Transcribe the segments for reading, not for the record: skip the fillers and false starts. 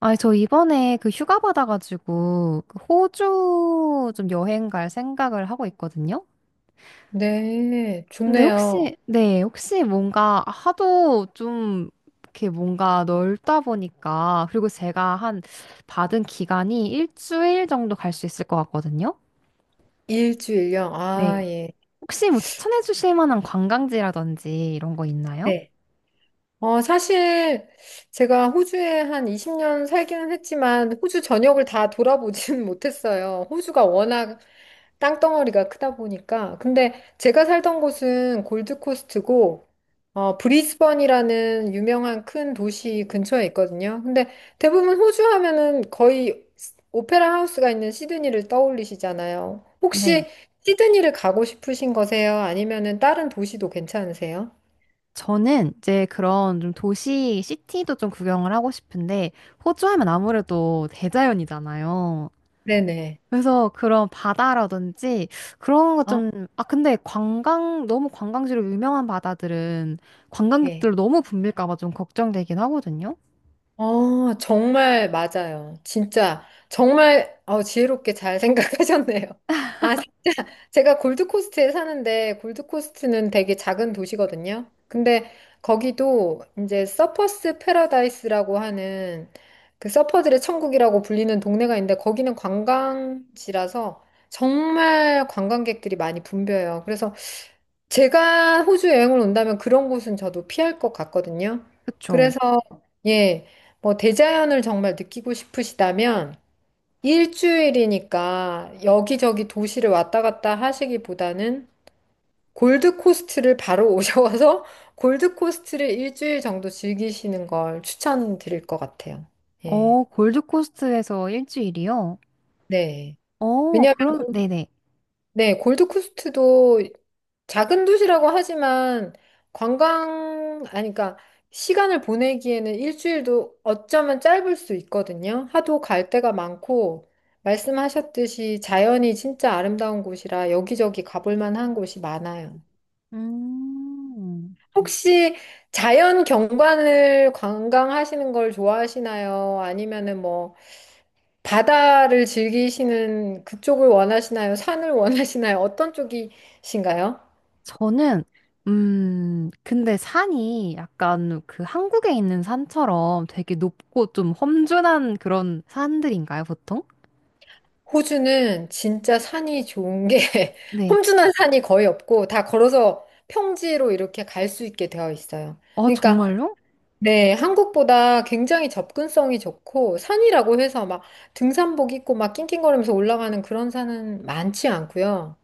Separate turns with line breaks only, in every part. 아니, 저 이번에 그 휴가 받아가지고 그 호주 좀 여행 갈 생각을 하고 있거든요.
네,
근데
좋네요.
혹시, 네, 혹시 뭔가 하도 좀 이렇게 뭔가 넓다 보니까, 그리고 제가 한 받은 기간이 일주일 정도 갈 수 있을 것 같거든요.
일주일령. 아,
네.
예.
혹시 뭐 추천해 주실 만한 관광지라든지 이런 거 있나요?
네. 사실 제가 호주에 한 20년 살기는 했지만 호주 전역을 다 돌아보지는 못했어요. 호주가 워낙 땅덩어리가 크다 보니까. 근데 제가 살던 곳은 골드코스트고, 브리즈번이라는 유명한 큰 도시 근처에 있거든요. 근데 대부분 호주 하면은 거의 오페라 하우스가 있는 시드니를 떠올리시잖아요.
네.
혹시 시드니를 가고 싶으신 거세요? 아니면은 다른 도시도 괜찮으세요?
저는 이제 그런 좀 도시, 시티도 좀 구경을 하고 싶은데, 호주 하면 아무래도 대자연이잖아요.
네네.
그래서 그런 바다라든지 그런 것
아,
좀, 아, 근데 관광, 너무 관광지로 유명한 바다들은
예.
관광객들로 너무 붐빌까 봐 좀 걱정되긴 하거든요.
정말 맞아요. 진짜, 정말, 지혜롭게 잘 생각하셨네요. 아, 진짜, 제가 골드코스트에 사는데, 골드코스트는 되게 작은 도시거든요. 근데 거기도 이제 서퍼스 패러다이스라고 하는 그 서퍼들의 천국이라고 불리는 동네가 있는데, 거기는 관광지라서 정말 관광객들이 많이 붐벼요. 그래서 제가 호주 여행을 온다면 그런 곳은 저도 피할 것 같거든요.
그쵸?
그래서, 예, 뭐, 대자연을 정말 느끼고 싶으시다면, 일주일이니까 여기저기 도시를 왔다 갔다 하시기보다는 골드코스트를 바로 오셔서 골드코스트를 일주일 정도 즐기시는 걸 추천드릴 것 같아요. 예.
골드코스트에서 일주일이요?
네. 왜냐면,
그럼, 네네.
네, 골드코스트도 작은 도시라고 하지만 관광, 아니, 그러니까 시간을 보내기에는 일주일도 어쩌면 짧을 수 있거든요. 하도 갈 데가 많고, 말씀하셨듯이 자연이 진짜 아름다운 곳이라 여기저기 가볼 만한 곳이 많아요.
음,
혹시 자연 경관을 관광하시는 걸 좋아하시나요? 아니면은 뭐 바다를 즐기시는 그쪽을 원하시나요? 산을 원하시나요? 어떤 쪽이신가요?
저는, 근데 산이 약간 그 한국에 있는 산처럼 되게 높고 좀 험준한 그런 산들인가요, 보통?
호주는 진짜 산이 좋은 게
네.
험준한 산이 거의 없고 다 걸어서 평지로 이렇게 갈 수 있게 되어 있어요.
아,
그러니까
정말요?
네, 한국보다 굉장히 접근성이 좋고 산이라고 해서 막 등산복 입고 막 낑낑거리면서 올라가는 그런 산은 많지 않고요.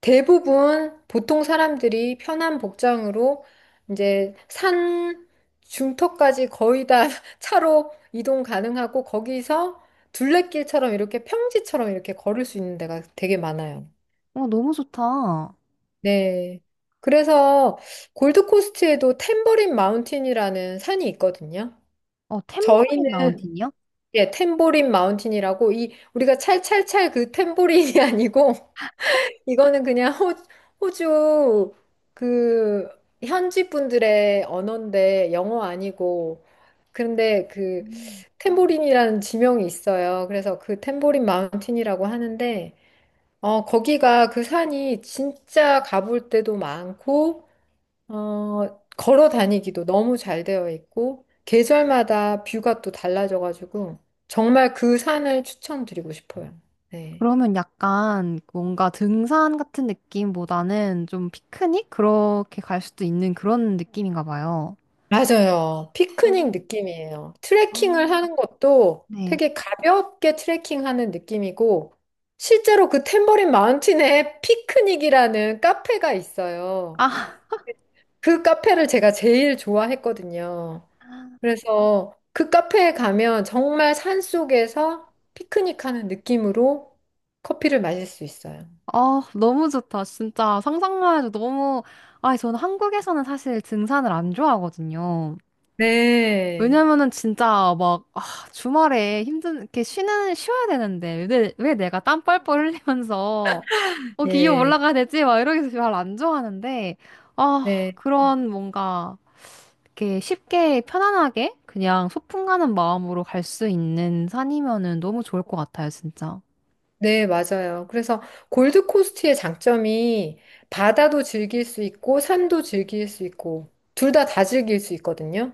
대부분 보통 사람들이 편한 복장으로 이제 산 중턱까지 거의 다 차로 이동 가능하고 거기서 둘레길처럼 이렇게 평지처럼 이렇게 걸을 수 있는 데가 되게 많아요.
너무 좋다.
네. 그래서 골드코스트에도 탬버린 마운틴이라는 산이 있거든요.
탬버린
저희는
마운틴이요?
예, 탬버린 마운틴이라고 이 우리가 찰찰찰 그 탬버린이 아니고 이거는 그냥 호주 그 현지 분들의 언어인데 영어 아니고 그런데 그
음.
탬보린이라는 지명이 있어요. 그래서 그 탬보린 마운틴이라고 하는데 거기가 그 산이 진짜 가볼 때도 많고 걸어 다니기도 너무 잘 되어 있고 계절마다 뷰가 또 달라져 가지고 정말 그 산을 추천드리고 싶어요. 네.
그러면 약간 뭔가 등산 같은 느낌보다는 좀 피크닉? 그렇게 갈 수도 있는 그런 느낌인가 봐요.
맞아요.
아,
피크닉 느낌이에요.
아.
트레킹을 하는 것도
네.
되게 가볍게 트레킹하는 느낌이고, 실제로 그 탬버린 마운틴에 피크닉이라는 카페가 있어요.
아,
그 카페를 제가 제일 좋아했거든요. 그래서 그 카페에 가면 정말 산속에서 피크닉하는 느낌으로 커피를 마실 수 있어요.
너무 좋다. 진짜 상상만 해도 너무, 아, 저는 한국에서는 사실 등산을 안 좋아하거든요.
네.
왜냐면은 진짜 막, 아, 주말에 힘든, 이렇게 쉬는, 쉬어야 되는데, 왜 내가 땀 뻘뻘 흘리면서 기업
예.
올라가야 되지? 막 이러면서 잘 안 좋아하는데, 아,
네.
그런 뭔가, 이렇게 쉽게 편안하게 그냥 소풍 가는 마음으로 갈 수 있는 산이면은 너무 좋을 것 같아요, 진짜.
네, 맞아요. 그래서 골드코스트의 장점이 바다도 즐길 수 있고 산도 즐길 수 있고 둘 다 다 즐길 수 있거든요.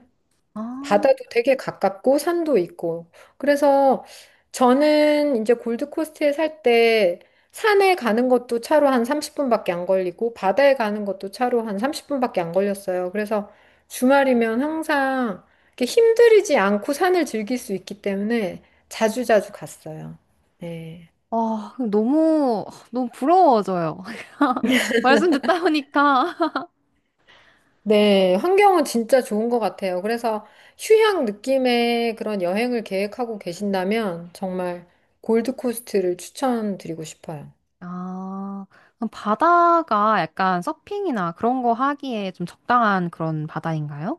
아,
바다도 되게 가깝고 산도 있고. 그래서 저는 이제 골드코스트에 살 때 산에 가는 것도 차로 한 30분밖에 안 걸리고 바다에 가는 것도 차로 한 30분밖에 안 걸렸어요. 그래서 주말이면 항상 이렇게 힘들이지 않고 산을 즐길 수 있기 때문에 자주자주 갔어요. 네.
아, 너무, 너무 부러워져요. 말씀 듣다 보니까.
네, 환경은 진짜 좋은 것 같아요. 그래서 휴양 느낌의 그런 여행을 계획하고 계신다면 정말 골드코스트를 추천드리고 싶어요.
아, 그럼 바다가 약간 서핑이나 그런 거 하기에 좀 적당한 그런 바다인가요?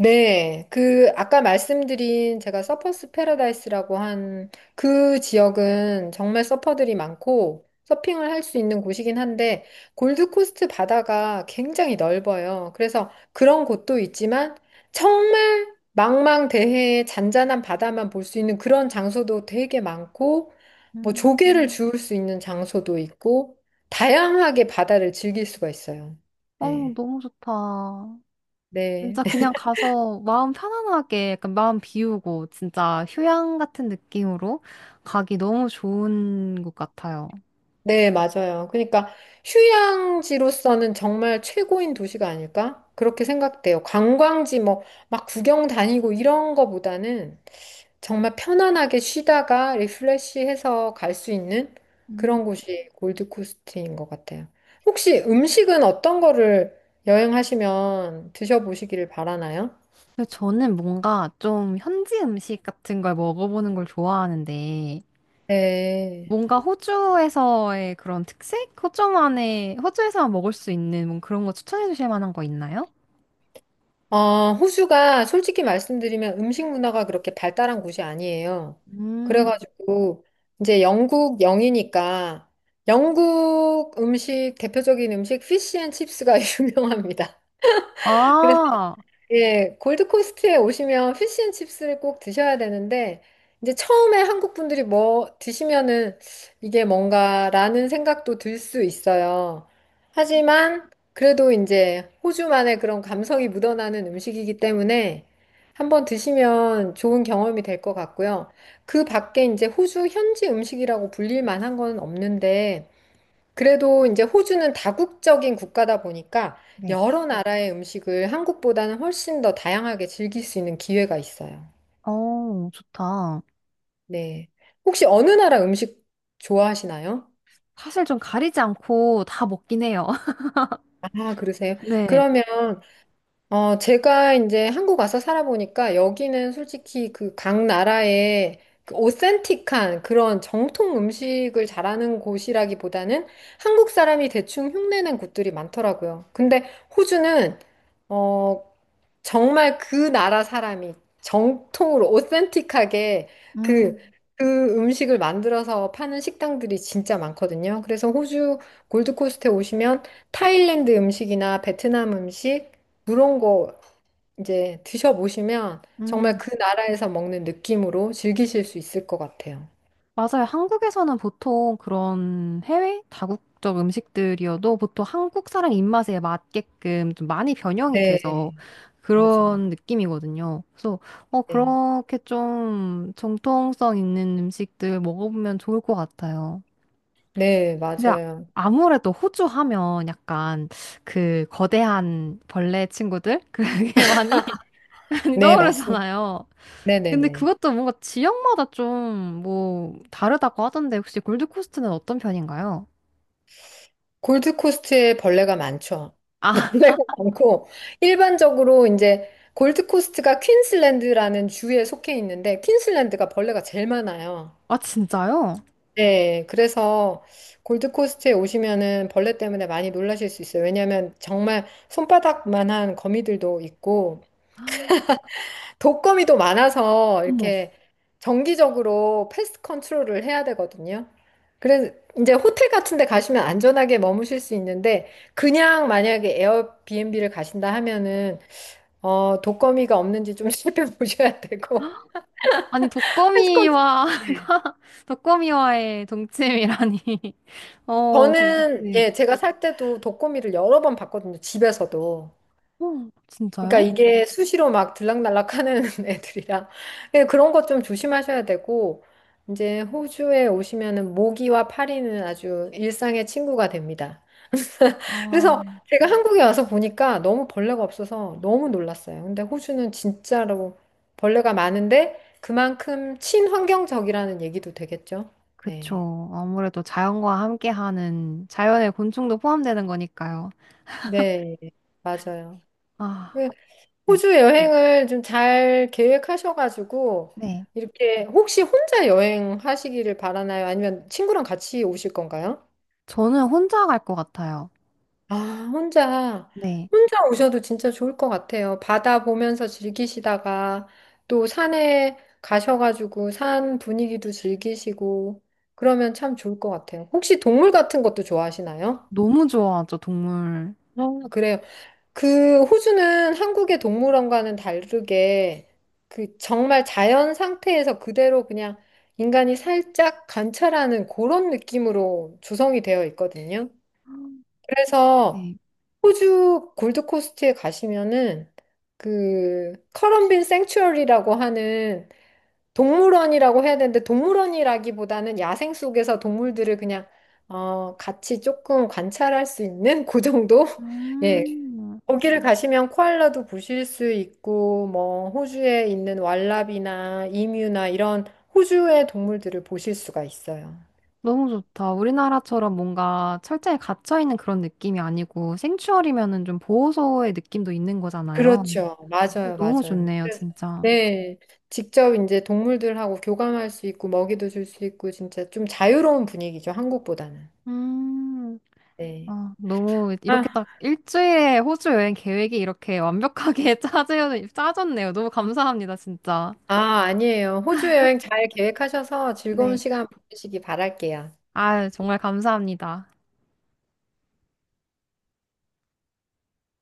네, 그 아까 말씀드린 제가 서퍼스 패러다이스라고 한 그 지역은 정말 서퍼들이 많고 서핑을 할 수 있는 곳이긴 한데 골드코스트 바다가 굉장히 넓어요. 그래서 그런 곳도 있지만 정말 망망대해의 잔잔한 바다만 볼 수 있는 그런 장소도 되게 많고 뭐
음,
조개를 주울 수 있는 장소도 있고 다양하게 바다를 즐길 수가 있어요.
어,
네.
너무 좋다.
네.
진짜 그냥 가서 마음 편안하게 약간 마음 비우고 진짜 휴양 같은 느낌으로 가기 너무 좋은 것 같아요.
네, 맞아요. 그러니까 휴양지로서는 정말 최고인 도시가 아닐까? 그렇게 생각돼요. 관광지 뭐 막 구경 다니고 이런 거보다는 정말 편안하게 쉬다가 리프레시해서 갈 수 있는
음.
그런 곳이 골드코스트인 것 같아요. 혹시 음식은 어떤 거를 여행하시면 드셔보시기를 바라나요?
근데 저는 뭔가 좀 현지 음식 같은 걸 먹어보는 걸 좋아하는데
네.
뭔가 호주에서의 그런 특색? 호주만의, 호주에서만 먹을 수 있는 뭔 그런 거 추천해 주실 만한 거 있나요?
호주가 솔직히 말씀드리면 음식 문화가 그렇게 발달한 곳이 아니에요.
음,
그래가지고 이제 영국 영이니까 영국 음식 대표적인 음식 피쉬 앤 칩스가 유명합니다. 그래서
아,
예, 골드코스트에 오시면 피시앤칩스를 꼭 드셔야 되는데, 이제 처음에 한국 분들이 뭐 드시면은 이게 뭔가라는 생각도 들 수 있어요. 하지만 그래도 이제 호주만의 그런 감성이 묻어나는 음식이기 때문에 한번 드시면 좋은 경험이 될 것 같고요. 그 밖에 이제 호주 현지 음식이라고 불릴 만한 건 없는데, 그래도 이제 호주는 다국적인 국가다 보니까
네.
여러 나라의 음식을 한국보다는 훨씬 더 다양하게 즐길 수 있는 기회가 있어요.
좋다.
네. 혹시 어느 나라 음식 좋아하시나요?
사실 좀 가리지 않고 다 먹긴 해요.
아, 그러세요?
네.
그러면 제가 이제 한국 와서 살아보니까 여기는 솔직히 그 각 나라의 그 오센틱한 그런 정통 음식을 잘하는 곳이라기보다는 한국 사람이 대충 흉내낸 곳들이 많더라고요. 근데 호주는 어, 정말 그 나라 사람이 정통으로 오센틱하게 그,
음,
그 음식을 만들어서 파는 식당들이 진짜 많거든요. 그래서 호주 골드코스트에 오시면 타일랜드 음식이나 베트남 음식 그런 거 이제 드셔보시면 정말
음.
그 나라에서 먹는 느낌으로 즐기실 수 있을 것 같아요.
맞아요. 한국에서는 보통 그런 해외 다국적 음식들이어도 보통 한국 사람 입맛에 맞게끔 좀 많이 변형이
네,
돼서
맞아요.
그런 느낌이거든요. 그래서
네,
그렇게 좀 정통성 있는 음식들 먹어보면 좋을 것 같아요.
네,
근데
맞아요.
아무래도 호주 하면 약간 그 거대한 벌레 친구들 그게 많이 많이
네, 맞습니다.
떠오르잖아요. 근데
네네네.
그것도 뭔가 지역마다 좀 뭐 다르다고 하던데 혹시 골드코스트는 어떤 편인가요?
골드코스트에 벌레가 많죠.
아,
벌레가 많고, 일반적으로 이제 골드코스트가 퀸슬랜드라는 주에 속해 있는데, 퀸슬랜드가 벌레가 제일 많아요.
아 진짜요?
네, 그래서 골드코스트에 오시면은 벌레 때문에 많이 놀라실 수 있어요. 왜냐하면 정말 손바닥만한 거미들도 있고, 독거미도 많아서
어머.
이렇게 정기적으로 패스트 컨트롤을 해야 되거든요. 그래서 이제 호텔 같은 데 가시면 안전하게 머무실 수 있는데 그냥 만약에 에어비앤비를 가신다 하면은 독거미가 없는지 좀 살펴보셔야 되고
아니
패스트 컨트롤
독거미와 독거미와의 동침이라니. 어,
저는
네.
예, 제가 살 때도 독거미를 여러 번 봤거든요. 집에서도. 그러니까
진짜요?
이게 수시로 막 들락날락 하는 애들이라 예, 그런 것 좀 조심하셔야 되고 이제 호주에 오시면은 모기와 파리는 아주 일상의 친구가 됩니다.
아,
그래서 제가 한국에 와서 보니까 너무 벌레가 없어서 너무 놀랐어요. 근데 호주는 진짜로 벌레가 많은데 그만큼 친환경적이라는 얘기도 되겠죠. 네.
그쵸. 아무래도 자연과 함께하는 자연의 곤충도 포함되는 거니까요.
네, 맞아요. 그
아, 네.
호주 여행을 좀 잘 계획하셔가지고,
네.
이렇게 혹시 혼자 여행하시기를 바라나요? 아니면 친구랑 같이 오실 건가요?
저는 혼자 갈 것 같아요.
아, 혼자.
네.
혼자 오셔도 진짜 좋을 것 같아요. 바다 보면서 즐기시다가 또 산에 가셔가지고 산 분위기도 즐기시고 그러면 참 좋을 것 같아요. 혹시 동물 같은 것도 좋아하시나요?
너무 좋아하죠, 동물.
아, 그래요. 그 호주는 한국의 동물원과는 다르게 그 정말 자연 상태에서 그대로 그냥 인간이 살짝 관찰하는 그런 느낌으로 조성이 되어 있거든요. 그래서
네.
호주 골드코스트에 가시면은 그 커럼빈 생츄어리라고 하는 동물원이라고 해야 되는데 동물원이라기보다는 야생 속에서 동물들을 그냥 같이 조금 관찰할 수 있는 그 정도? 예,
음.
거기를 가시면 코알라도 보실 수 있고, 뭐, 호주에 있는 왈라비나 이뮤나 이런 호주의 동물들을 보실 수가 있어요.
너무 좋다. 우리나라처럼 뭔가 철저히 갇혀있는 그런 느낌이 아니고 생추얼이면은 좀 보호소의 느낌도 있는 거잖아요.
그렇죠. 맞아요,
너무
맞아요.
좋네요,
그래서,
진짜.
네. 직접 이제 동물들하고 교감할 수 있고, 먹이도 줄 수 있고, 진짜 좀 자유로운 분위기죠, 한국보다는.
음,
네.
아, 너무
아,
이렇게 딱 일주일에 호주 여행 계획이 이렇게 완벽하게 짜졌네요. 너무 감사합니다, 진짜.
아, 아니에요. 호주 여행 잘 계획하셔서 즐거운
네.
시간 보내시기 바랄게요.
아, 정말 감사합니다.